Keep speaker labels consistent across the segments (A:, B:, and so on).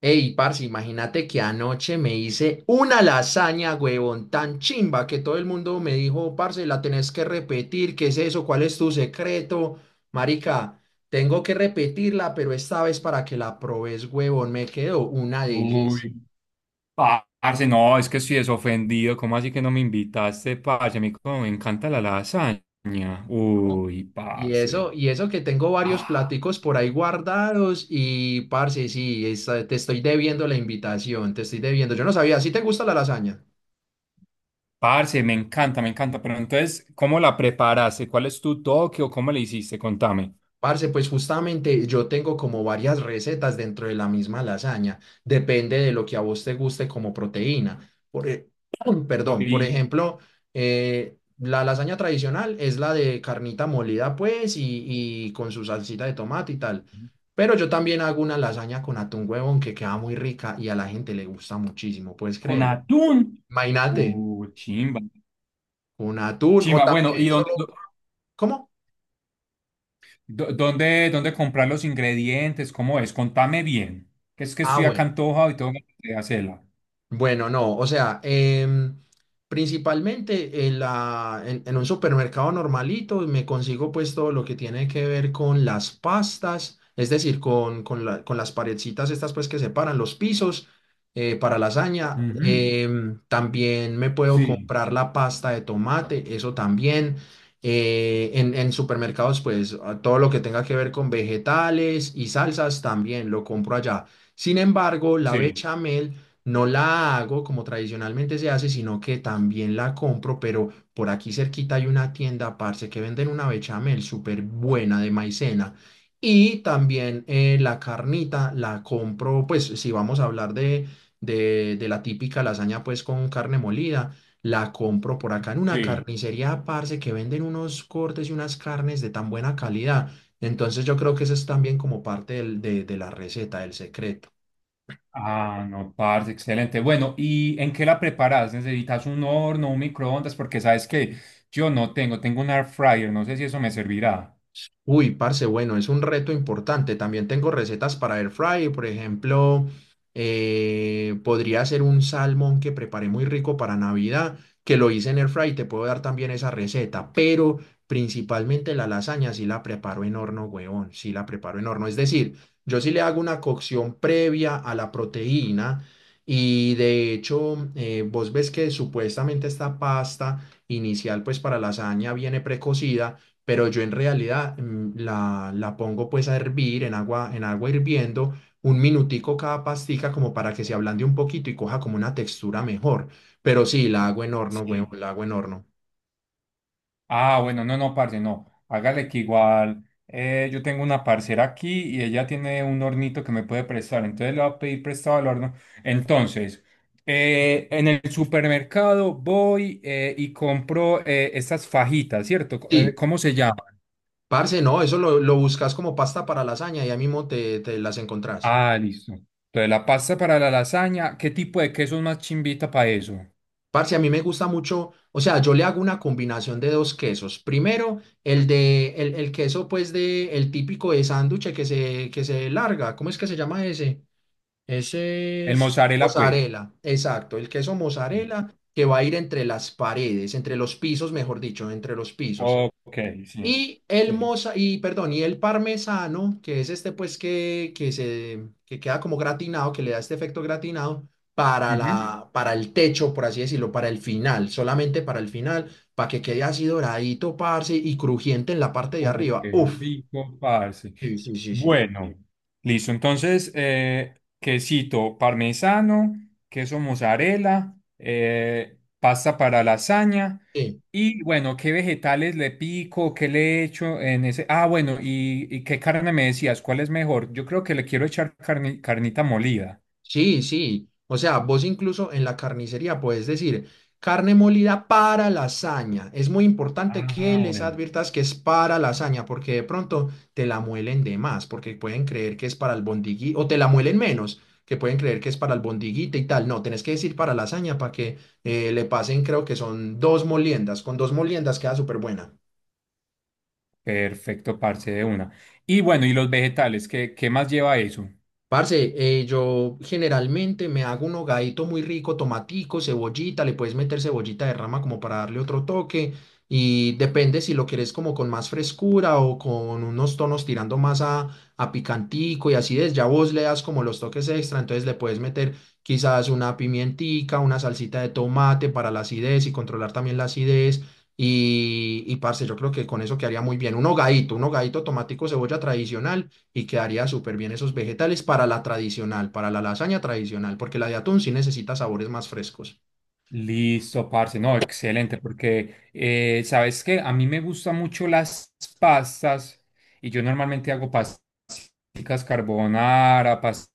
A: Ey, parce, imagínate que anoche me hice una lasaña, huevón, tan chimba que todo el mundo me dijo, parce, la tenés que repetir, ¿qué es eso? ¿Cuál es tu secreto? Marica, tengo que repetirla, pero esta vez para que la probes, huevón, me quedó una delicia.
B: Uy, parce, no, es que estoy desofendido. ¿Cómo así que no me invitaste, parce? A mí como me encanta la lasaña.
A: ¿No?
B: Uy,
A: Y
B: parce.
A: eso, y eso que tengo varios
B: Ah,
A: platicos por ahí guardados y, parce, sí, te estoy debiendo la invitación, te estoy debiendo. Yo no sabía, ¿sí te gusta la lasaña?
B: parce, me encanta, me encanta. Pero entonces, ¿cómo la preparaste? ¿Cuál es tu toque o cómo le hiciste? Contame.
A: Parce, pues justamente yo tengo como varias recetas dentro de la misma lasaña. Depende de lo que a vos te guste como proteína.
B: Co-
A: Perdón, por
B: y-
A: ejemplo, la lasaña tradicional es la de carnita molida, pues, y con su salsita de tomate y tal. Pero yo también hago una lasaña con atún, huevón, que queda muy rica y a la gente le gusta muchísimo, ¿puedes
B: ¿Con
A: creerlo?
B: atún?
A: Imagínate,
B: Uy, chimba.
A: con atún o
B: Chimba, bueno, ¿y
A: también
B: dónde,
A: solo. ¿Cómo?
B: dó- dónde, dónde comprar los ingredientes? ¿Cómo es? Contame bien. Que es que
A: Ah,
B: estoy acá
A: bueno.
B: antojado y tengo que hacerla.
A: Bueno, no, o sea, principalmente en un supermercado normalito me consigo pues todo lo que tiene que ver con las pastas, es decir, con las paredcitas estas pues que separan los pisos, para lasaña.
B: Ujú,
A: También me puedo
B: sí,
A: comprar la pasta de tomate, eso también. En supermercados pues a todo lo que tenga que ver con vegetales y salsas también lo compro allá. Sin embargo, la
B: sí.
A: bechamel no la hago como tradicionalmente se hace, sino que también la compro, pero por aquí cerquita hay una tienda, parce, que venden una bechamel súper buena de maicena. Y también, la carnita la compro, pues si vamos a hablar de la típica lasaña, pues con carne molida, la compro por acá en una
B: Sí.
A: carnicería, parce, que venden unos cortes y unas carnes de tan buena calidad. Entonces yo creo que eso es también como parte de la receta, del secreto.
B: Ah, no, parce, excelente. Bueno, ¿y en qué la preparas? ¿Necesitas un horno, un microondas? Porque sabes que yo no tengo, tengo un air fryer, no sé si eso me servirá.
A: Uy, parce, bueno, es un reto importante. También tengo recetas para air fry, por ejemplo, podría hacer un salmón que preparé muy rico para Navidad, que lo hice en air fry, te puedo dar también esa receta, pero principalmente la lasaña sí la preparo en horno, huevón, sí la preparo en horno. Es decir, yo sí le hago una cocción previa a la proteína y de hecho, vos ves que supuestamente esta pasta inicial pues para lasaña viene precocida, pero yo en realidad la pongo pues a hervir en agua hirviendo un minutico cada pastica como para que se ablande un poquito y coja como una textura mejor. Pero sí, la hago en horno, huevo,
B: Sí.
A: la hago en horno.
B: Ah, bueno, no, no, parce, no. Hágale que igual yo tengo una parcera aquí y ella tiene un hornito que me puede prestar, entonces le voy a pedir prestado el horno. Entonces, en el supermercado voy y compro estas fajitas, ¿cierto?
A: Sí,
B: ¿Cómo se llama?
A: parce, no, eso lo buscas como pasta para lasaña y ahí mismo te las encontrás.
B: Ah, listo. Entonces, la pasta para la lasaña, ¿qué tipo de queso es más chimbita para eso?
A: Parce, a mí me gusta mucho, o sea, yo le hago una combinación de dos quesos. Primero, el queso pues, de, el típico de sándwich que se larga, ¿cómo es que se llama ese? Ese
B: El
A: es
B: mozzarella, pues.
A: mozzarella, exacto, el queso
B: Sí.
A: mozzarella que va a ir entre las paredes, entre los pisos, mejor dicho, entre los pisos.
B: Ok, sí.
A: Y el
B: Sí.
A: moza, y perdón, y el parmesano, que es este pues que queda como gratinado, que le da este efecto gratinado para
B: Ujú.
A: la para el techo, por así decirlo, para el final, solamente para el final, para que quede así doradito, parce, y crujiente en la parte de arriba.
B: Qué
A: Uf.
B: rico, parce.
A: Sí, sí, sí, sí.
B: Bueno, listo. Entonces, quesito parmesano, queso mozzarella, pasta para lasaña.
A: Sí.
B: Y bueno, ¿qué vegetales le pico? ¿Qué le echo en ese? Ah, bueno, ¿y qué carne me decías? ¿Cuál es mejor? Yo creo que le quiero echar carnita molida.
A: Sí, sí. O sea, vos incluso en la carnicería puedes decir carne molida para lasaña. Es muy importante que
B: Ah,
A: les
B: bueno.
A: adviertas que es para lasaña, porque de pronto te la muelen de más, porque pueden creer que es para el bondigui, o te la muelen menos, que pueden creer que es para el bondigüita y tal. No, tenés que decir para lasaña para que, le pasen, creo que son dos moliendas. Con dos moliendas queda súper buena.
B: Perfecto, parce, de una. Y bueno, ¿y los vegetales? ¿Qué más lleva eso?
A: Parce, yo generalmente me hago un hogadito muy rico, tomatico, cebollita, le puedes meter cebollita de rama como para darle otro toque, y depende si lo quieres como con más frescura o con unos tonos tirando más a picantico, y así es, ya vos le das como los toques extra, entonces le puedes meter quizás una pimientica, una salsita de tomate para la acidez y controlar también la acidez, y parce, yo creo que con eso quedaría muy bien, un hogadito tomatico, cebolla tradicional, y quedaría súper bien esos vegetales para la tradicional, para la lasaña tradicional, porque la de atún sí necesita sabores más frescos.
B: Listo, parce. No, excelente, porque sabes que a mí me gustan mucho las pastas y yo normalmente hago pastas carbonara, pastas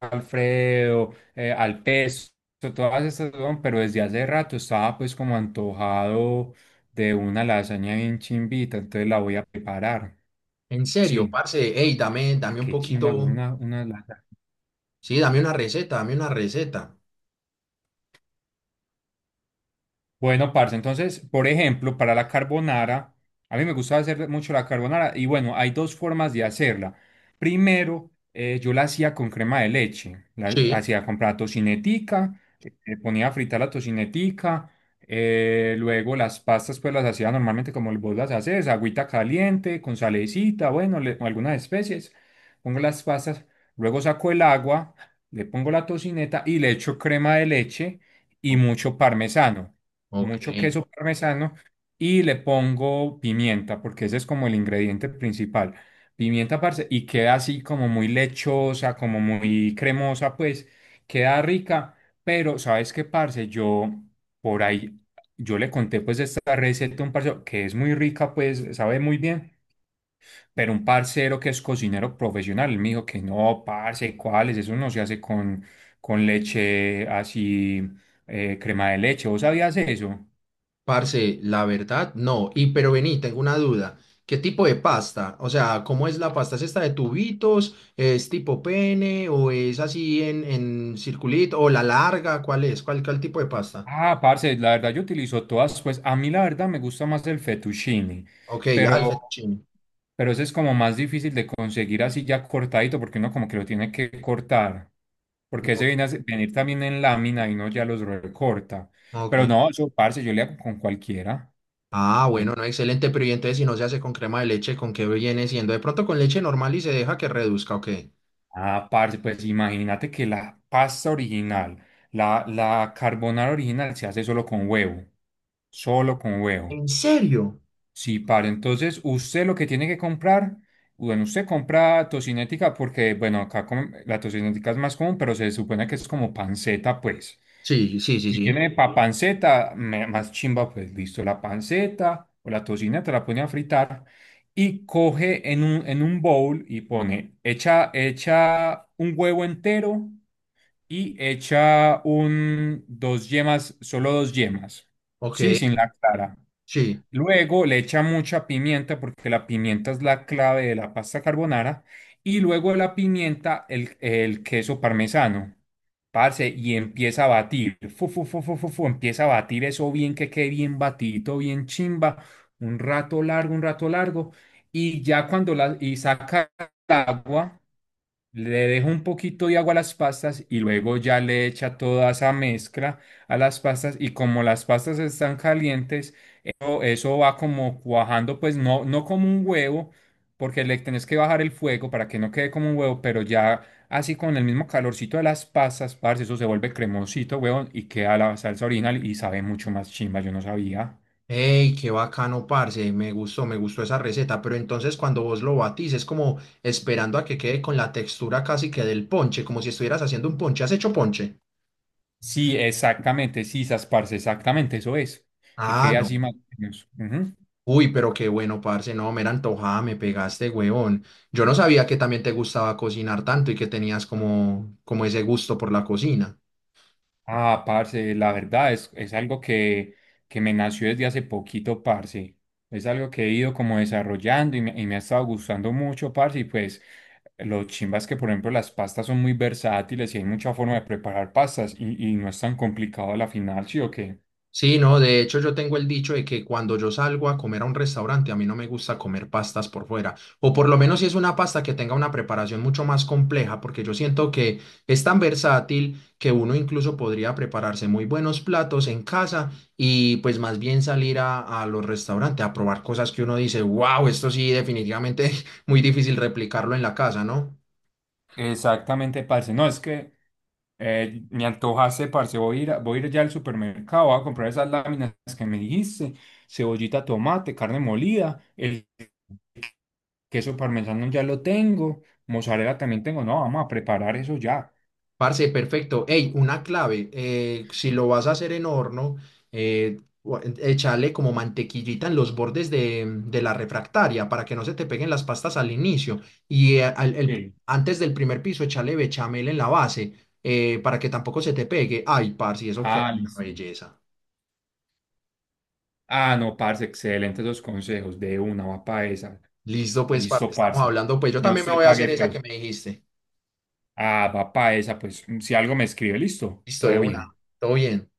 B: Alfredo, al pesto, todas estas, weón, pero desde hace rato estaba pues como antojado de una lasaña bien chimbita, entonces la voy a preparar.
A: En serio,
B: Sí.
A: parce, hey, dame,
B: Ah,
A: dame un
B: qué chimba, con
A: poquito,
B: una lasaña.
A: sí, dame una receta, dame una receta.
B: Bueno, parce, entonces, por ejemplo, para la carbonara, a mí me gusta hacer mucho la carbonara y bueno, hay dos formas de hacerla. Primero, yo la hacía con crema de leche, la
A: Sí.
B: hacía comprar tocinetica, ponía a fritar la tocinetica, luego las pastas pues las hacía normalmente como vos las haces, agüita caliente, con salecita, bueno, o algunas especies, pongo las pastas, luego saco el agua, le pongo la tocineta y le echo crema de leche y
A: O-
B: mucho parmesano,
A: Ok.
B: mucho queso parmesano y le pongo pimienta, porque ese es como el ingrediente principal. Pimienta, parce, y queda así como muy lechosa, como muy cremosa, pues queda rica, pero ¿sabes qué, parce? Yo por ahí, yo le conté pues esta receta a un parcero que es muy rica, pues sabe muy bien. Pero un parcero que es cocinero profesional, él me dijo que no, parce, ¿cuáles? Eso no se hace con leche así, crema de leche. ¿Vos sabías eso?
A: Parce, la verdad, no. Y pero vení, tengo una duda. ¿Qué tipo de pasta? O sea, ¿cómo es la pasta? ¿Es esta de tubitos? ¿Es tipo pene? ¿O es así en circulito? ¿O la larga? ¿Cuál es? ¿Cuál tipo de pasta?
B: Ah, parce, la verdad yo utilizo todas, pues a mí la verdad me gusta más el fettuccine,
A: Ok, ya, el
B: pero,
A: fettuccine.
B: pero ese es como más difícil de conseguir así ya cortadito, porque uno como que lo tiene que cortar, porque ese
A: Ok.
B: viene venir también en lámina y uno ya los recorta. Pero
A: Ok.
B: no, eso, parce, yo le hago con cualquiera.
A: Ah,
B: Te-
A: bueno, no, excelente, pero y entonces si no se hace con crema de leche, ¿con qué viene siendo? De pronto con leche normal y se deja que reduzca, ¿o qué?
B: Ah, parce, pues imagínate que la pasta original, la carbonara original se hace solo con huevo, solo con huevo.
A: ¿En serio?
B: Sí, para entonces usted lo que tiene que comprar, bueno, usted compra tocinética porque, bueno, acá la tocinética es más común, pero se supone que es como panceta, pues.
A: Sí, sí, sí,
B: Si
A: sí.
B: tiene pa sí, panceta, más chimba, pues listo, la panceta o la tocineta la pone a fritar y coge en un bowl y pone, echa, echa un huevo entero y echa un, dos yemas, solo dos yemas,
A: Ok,
B: sí, sin la clara.
A: sí.
B: Luego le echa mucha pimienta porque la pimienta es la clave de la pasta carbonara. Y luego de la pimienta, el queso parmesano. Parce, y empieza a batir. Fu, fu, fu, fu, fu, fu, empieza a batir eso bien que quede bien batidito, bien chimba. Un rato largo, un rato largo. Y ya cuando la, y saca el agua, le dejo un poquito de agua a las pastas y luego ya le echa toda esa mezcla a las pastas y como las pastas están calientes, eso va como cuajando, pues no, no como un huevo, porque le tenés que bajar el fuego para que no quede como un huevo, pero ya así con el mismo calorcito de las pastas, parce, eso se vuelve cremosito, huevón, y queda la salsa original y sabe mucho más chimba, yo no sabía.
A: Ey, qué bacano, parce, me gustó esa receta, pero entonces cuando vos lo batís es como esperando a que quede con la textura casi que del ponche, como si estuvieras haciendo un ponche. ¿Has hecho ponche?
B: Sí, exactamente, sí, sas, parce, exactamente, eso es, que
A: Ah,
B: quede
A: no.
B: así más o menos. Ujú.
A: Uy, pero qué bueno, parce, no, mera antojada, me pegaste, huevón. Yo no sabía que también te gustaba cocinar tanto y que tenías como ese gusto por la cocina.
B: Ah, parce, la verdad es algo que me nació desde hace poquito, parce. Es algo que he ido como desarrollando y me ha estado gustando mucho, parce. Y pues lo chimbas que, por ejemplo, las pastas son muy versátiles y hay mucha forma de preparar pastas y no es tan complicado a la final, ¿sí o qué?
A: Sí, no, de hecho yo tengo el dicho de que cuando yo salgo a comer a un restaurante, a mí no me gusta comer pastas por fuera, o por lo menos si es una pasta que tenga una preparación mucho más compleja, porque yo siento que es tan versátil que uno incluso podría prepararse muy buenos platos en casa, y pues más bien salir a los restaurantes a probar cosas que uno dice, wow, esto sí definitivamente es muy difícil replicarlo en la casa, ¿no?
B: Exactamente, parce. No, es que me antojaste, parce. Voy a ir, voy a ir ya al supermercado, voy a comprar esas láminas que me dijiste, cebollita, tomate, carne molida, el queso parmesano ya lo tengo, mozzarella también tengo. No, vamos a preparar eso ya.
A: Parce, perfecto. Ey, una clave, si lo vas a hacer en horno, eh, échale como mantequillita en los bordes de la refractaria para que no se te peguen las pastas al inicio. Y
B: Sí.
A: antes del primer piso, échale bechamel en la base, para que tampoco se te pegue. Ay, parce, eso queda
B: Ah,
A: una
B: listo.
A: belleza.
B: Ah, no, parce, excelentes los consejos. De una, va pa' esa.
A: Listo, pues, parce,
B: Listo,
A: estamos
B: parce.
A: hablando. Pues yo
B: Yo
A: también me
B: se
A: voy a hacer
B: pague,
A: esa que
B: pues.
A: me dijiste.
B: Ah, va pa' esa, pues. Si algo me escribe, listo.
A: Listo, de
B: Todo
A: una.
B: bien.
A: Todo bien.